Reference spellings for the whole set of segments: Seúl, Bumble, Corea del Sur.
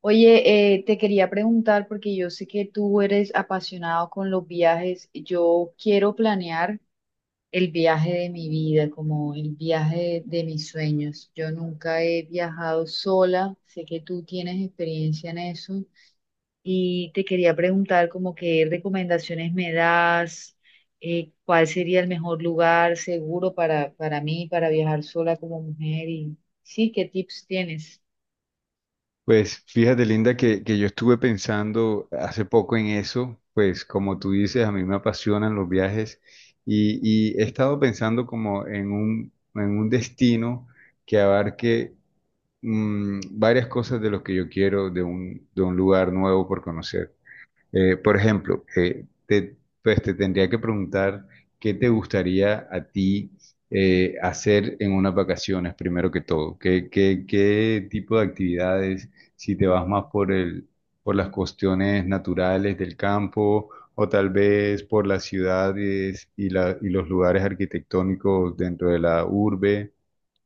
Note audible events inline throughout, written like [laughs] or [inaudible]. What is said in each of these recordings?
Oye, te quería preguntar, porque yo sé que tú eres apasionado con los viajes, yo quiero planear el viaje de mi vida, como el viaje de mis sueños. Yo nunca he viajado sola, sé que tú tienes experiencia en eso y te quería preguntar como qué recomendaciones me das, ¿cuál sería el mejor lugar seguro para mí, para viajar sola como mujer? Y sí, ¿qué tips tienes? Pues fíjate, Linda, que yo estuve pensando hace poco en eso. Pues como tú dices, a mí me apasionan los viajes y, y he estado pensando como en en un destino que abarque varias cosas de lo que yo quiero de de un lugar nuevo por conocer. Por ejemplo, pues te tendría que preguntar qué te gustaría a ti hacer en unas vacaciones, primero que todo. Qué tipo de actividades? ¿Si te vas más por las cuestiones naturales del campo o tal vez por las ciudades y y los lugares arquitectónicos dentro de la urbe,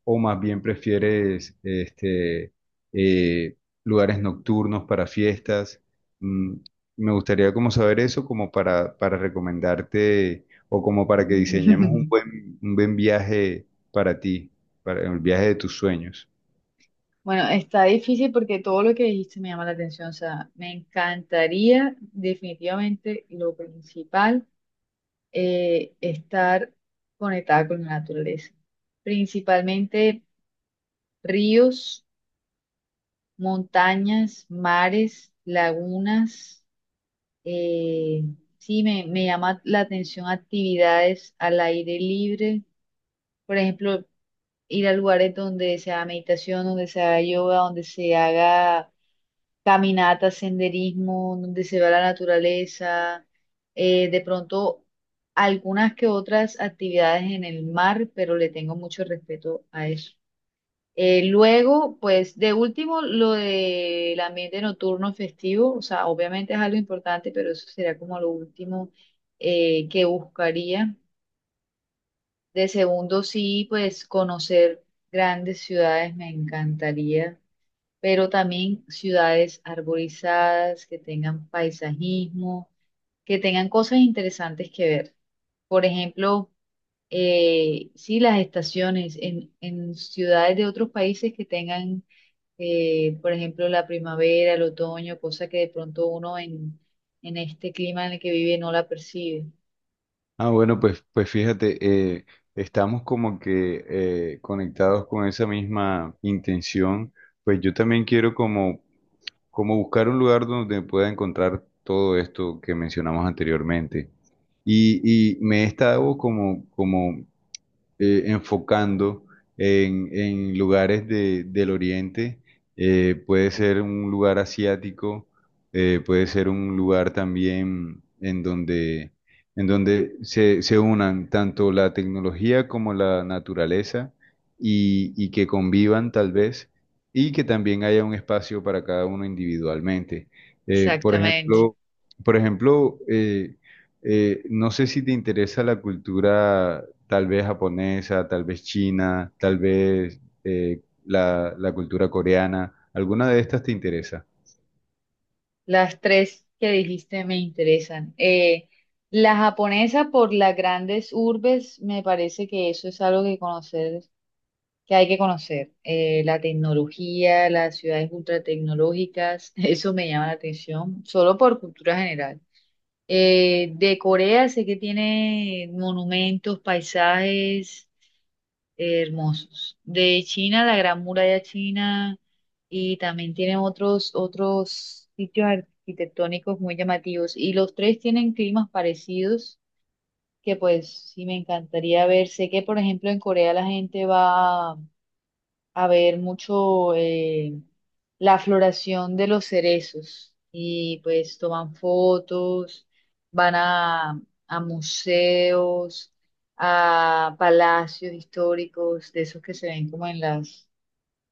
o más bien prefieres eh, lugares nocturnos para fiestas? Mm, Me gustaría como saber eso, como para recomendarte o como para que diseñemos un [laughs] un buen viaje para ti, para el viaje de tus sueños. Bueno, está difícil porque todo lo que dijiste me llama la atención. O sea, me encantaría definitivamente lo principal, estar conectada con la naturaleza. Principalmente ríos, montañas, mares, lagunas. eh, me llama la atención actividades al aire libre. Por ejemplo, ir a lugares donde se haga meditación, donde se haga yoga, donde se haga caminata, senderismo, donde se ve la naturaleza, de pronto algunas que otras actividades en el mar, pero le tengo mucho respeto a eso. Luego, pues de último, lo del ambiente nocturno festivo, o sea, obviamente es algo importante, pero eso sería como lo último que buscaría. De segundo, sí, pues conocer grandes ciudades me encantaría, pero también ciudades arborizadas, que tengan paisajismo, que tengan cosas interesantes que ver. Por ejemplo, sí, las estaciones en ciudades de otros países que tengan, por ejemplo, la primavera, el otoño, cosa que de pronto uno en este clima en el que vive no la percibe. Ah, bueno, pues, pues fíjate, eh, estamos como que conectados con esa misma intención. Pues yo también quiero como buscar un lugar donde pueda encontrar todo esto que mencionamos anteriormente. Y me he estado como enfocando en lugares del Oriente. Eh, puede ser un lugar asiático, puede ser un lugar también en en donde se unan tanto la tecnología como la naturaleza y que convivan tal vez, y que también haya un espacio para cada uno individualmente. Eh, por Exactamente. ejemplo, por ejemplo, no sé si te interesa la cultura tal vez japonesa, tal vez china, tal vez la cultura coreana. ¿Alguna de estas te interesa? Las tres que dijiste me interesan. La japonesa por las grandes urbes, me parece que eso es algo que conocer, que hay que conocer. La tecnología, las ciudades ultratecnológicas, [laughs] eso me llama la atención, solo por cultura general. De Corea sé que tiene monumentos, paisajes hermosos. De China, la Gran Muralla China, y también tienen otros sitios arquitectónicos muy llamativos. Y los tres tienen climas parecidos que pues sí me encantaría ver. Sé que, por ejemplo, en Corea la gente va a ver mucho la floración de los cerezos y pues toman fotos, van a, a museos, a palacios históricos, de esos que se ven como en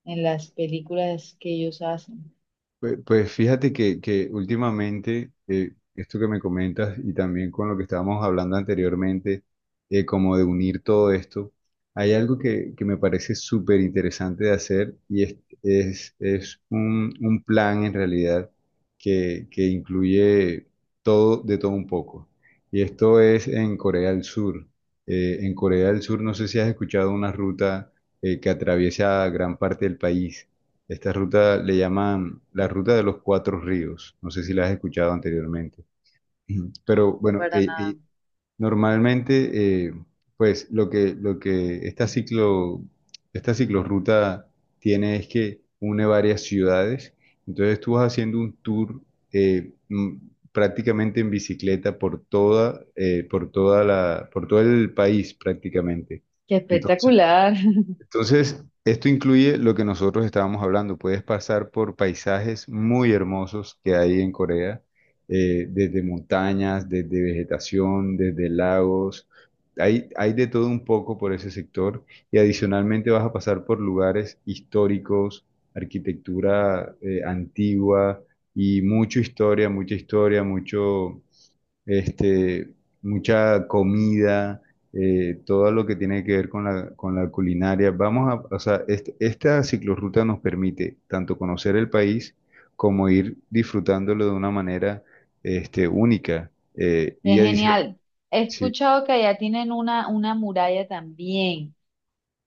en las películas que ellos hacen. Pues, pues fíjate que últimamente, esto que me comentas, y también con lo que estábamos hablando anteriormente, como de unir todo esto, hay algo que me parece súper interesante de hacer, y es, es un plan en realidad que incluye todo, de todo un poco. Y esto es en Corea del Sur. En Corea del Sur, no sé si has escuchado una ruta, que atraviesa gran parte del país. Esta ruta le llaman la ruta de los cuatro ríos. No sé si la has escuchado anteriormente. [clears throat] Ujú. Pero No, bueno, para nada. Normalmente, pues lo lo que esta ciclorruta tiene es que une varias ciudades. Entonces tú vas haciendo un tour eh, mm, prácticamente en bicicleta por por toda por todo el país prácticamente. Qué Entonces espectacular. [laughs] entonces, esto incluye lo que nosotros estábamos hablando. Puedes pasar por paisajes muy hermosos que hay en Corea, desde montañas, desde vegetación, desde lagos. Hay de todo un poco por ese sector, y adicionalmente vas a pasar por lugares históricos, arquitectura, antigua, y mucha historia, mucha historia, este, mucha comida, todo lo que tiene que ver con con la culinaria. O sea, esta ciclorruta nos permite tanto conocer el país como ir disfrutándolo de una manera única, Qué y adicional. genial. He Sí, escuchado que allá tienen una muralla también.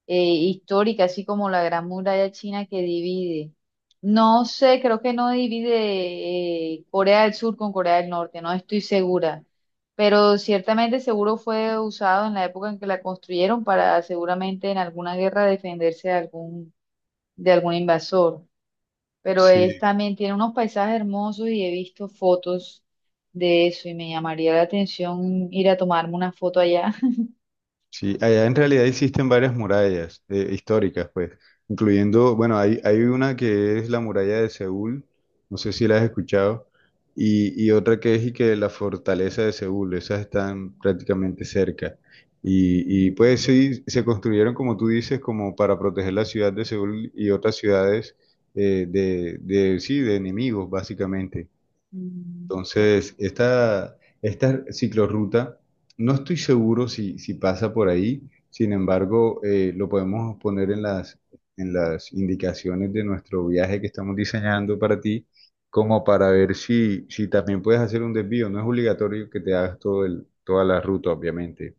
Histórica, así como la Gran Muralla China que divide. No sé, creo que no divide Corea del Sur con Corea del Norte, no estoy segura, pero ciertamente seguro fue usado en la época en que la construyeron para seguramente en alguna guerra defenderse de de algún invasor. Pero es, sí. también tiene unos paisajes hermosos y he visto fotos de eso y me llamaría la atención ir a tomarme una foto allá. Sí, allá en realidad existen varias murallas históricas, pues, incluyendo, bueno, hay una que es la muralla de Seúl, no sé si la has escuchado, y otra que es y que la fortaleza de Seúl. Esas están prácticamente cerca. [laughs] Ujú. Y pues sí, se construyeron, como tú dices, como para proteger la ciudad de Seúl y otras ciudades sí, de enemigos, básicamente. Mm. Entonces, esta ciclorruta, no estoy seguro si, si pasa por ahí. Sin embargo, lo podemos poner en en las indicaciones de nuestro viaje que estamos diseñando para ti, como para ver si, si también puedes hacer un desvío. No es obligatorio que te hagas toda la ruta, obviamente.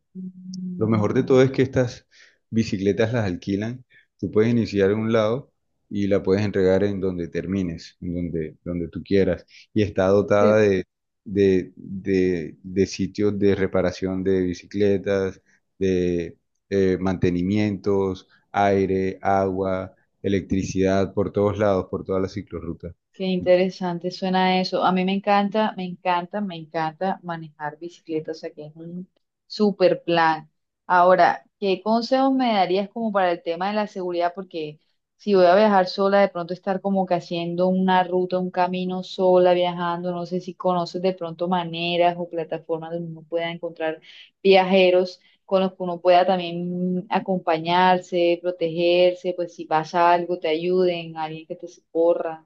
Lo Mm. mejor de todo es que estas bicicletas las alquilan. Tú puedes iniciar en un lado y la puedes entregar en donde termines, donde tú quieras. Y está Qué. dotada de sitios de reparación de bicicletas, de mantenimientos, aire, agua, electricidad, por todos lados, por todas las ciclorrutas. Qué interesante suena eso. A mí me encanta, me encanta, me encanta manejar bicicleta, o sea que es un super plan. Ahora, ¿qué consejos me darías como para el tema de la seguridad? Porque si voy a viajar sola, de pronto estar como que haciendo una ruta, un camino sola, viajando, no sé si conoces de pronto maneras o plataformas donde uno pueda encontrar viajeros con los que uno pueda también acompañarse, protegerse, pues si pasa algo, te ayuden, alguien que te socorra.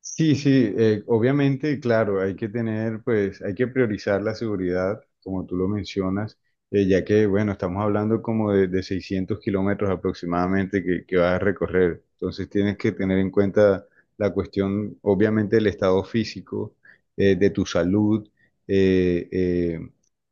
Sí, sí, obviamente, claro, hay que tener, pues, hay que priorizar la seguridad, como tú lo mencionas, ya que, bueno, estamos hablando como de 600 kilómetros aproximadamente que vas a recorrer. Entonces tienes que tener en cuenta la cuestión, obviamente, del estado físico, de tu salud. eh, eh,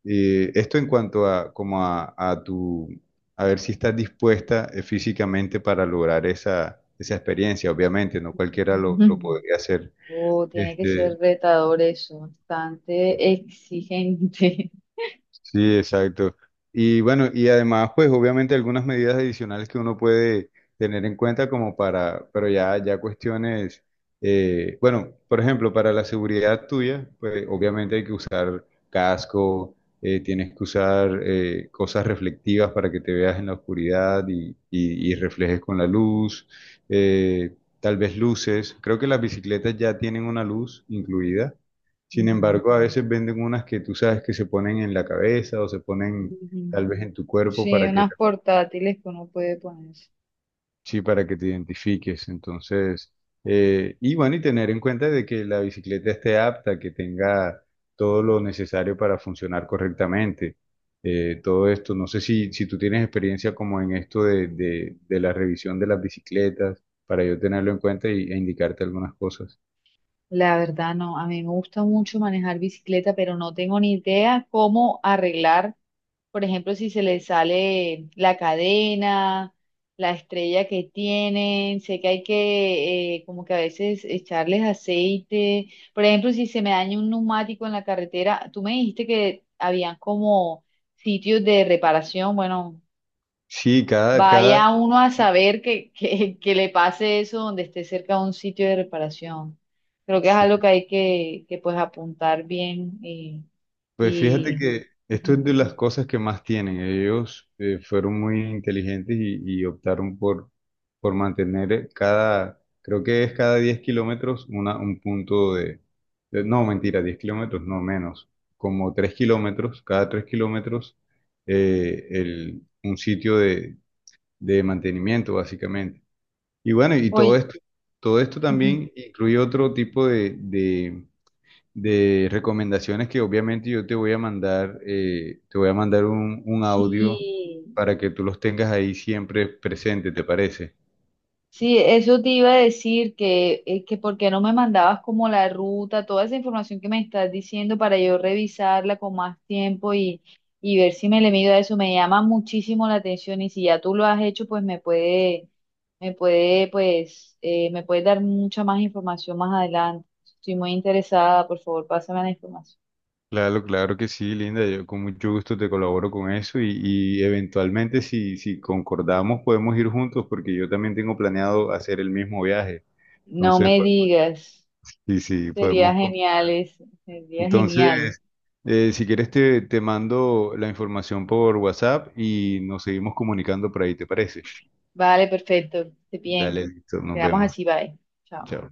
Esto en cuanto a, a tu, a ver si estás dispuesta físicamente para lograr esa experiencia. Obviamente, no cualquiera [laughs] lo Ujú. podría hacer. Oh, tiene que Este, ser retador eso, bastante exigente. [laughs] Sí, exacto. Y bueno, y además, pues obviamente algunas medidas adicionales que uno puede tener en cuenta como para, pero ya, ya cuestiones, bueno, por ejemplo, para la seguridad tuya, pues obviamente hay que usar casco, tienes que usar cosas reflectivas para que te veas en la oscuridad y, y reflejes con la luz, eh, tal vez luces. Creo que las bicicletas ya tienen una luz incluida. Sin Ujú. embargo, a veces venden unas que tú sabes que se ponen en la cabeza o se ponen Ujú. tal vez en tu cuerpo Sí, para que, unas portátiles que uno puede poner. sí, para que te identifiques. Entonces, y bueno, y tener en cuenta de que la bicicleta esté apta, que tenga todo lo necesario para funcionar correctamente. Todo esto, no sé si, si tú tienes experiencia como en esto de la revisión de las bicicletas, para yo tenerlo en cuenta y, e indicarte algunas cosas. La verdad no, a mí me gusta mucho manejar bicicleta, pero no tengo ni idea cómo arreglar, por ejemplo, si se le sale la cadena, la estrella que tienen, sé que hay que como que a veces echarles aceite, por ejemplo, si se me daña un neumático en la carretera, tú me dijiste que habían como sitios de reparación, bueno, Sí, cada. vaya uno a saber que le pase eso donde esté cerca de un sitio de reparación. Creo que es Sí. algo que hay que pues apuntar bien Pues fíjate y que esto es ujú. de las cosas que más tienen. Ellos fueron muy inteligentes y optaron por mantener cada, creo que es cada 10 kilómetros un punto de, no, mentira, 10 kilómetros no, menos, como 3 kilómetros, cada 3 kilómetros un sitio de mantenimiento, básicamente. Y bueno, y Oye, todo esto ujú, también incluye otro tipo de recomendaciones que obviamente yo te voy a mandar. Eh, te voy a mandar un audio sí, para que tú los tengas ahí siempre presente, ¿te parece? sí, eso te iba a decir que por qué no me mandabas como la ruta, toda esa información que me estás diciendo para yo revisarla con más tiempo y ver si me le mido a eso. Me llama muchísimo la atención y si ya tú lo has hecho, pues me puede dar mucha más información más adelante. Estoy muy interesada, por favor, pásame la información. Claro, claro que sí, Linda. Yo con mucho gusto te colaboro con eso, y eventualmente si, si concordamos podemos ir juntos, porque yo también tengo planeado hacer el mismo viaje. No Entonces, me pues, digas, sí, sí, sería podemos. Genial eso, sería genial. Entonces, si quieres te, te mando la información por WhatsApp y nos seguimos comunicando por ahí, ¿te parece? Vale, perfecto, esté bien. Dale, listo, nos Quedamos vemos. así, bye. Chao. Chao.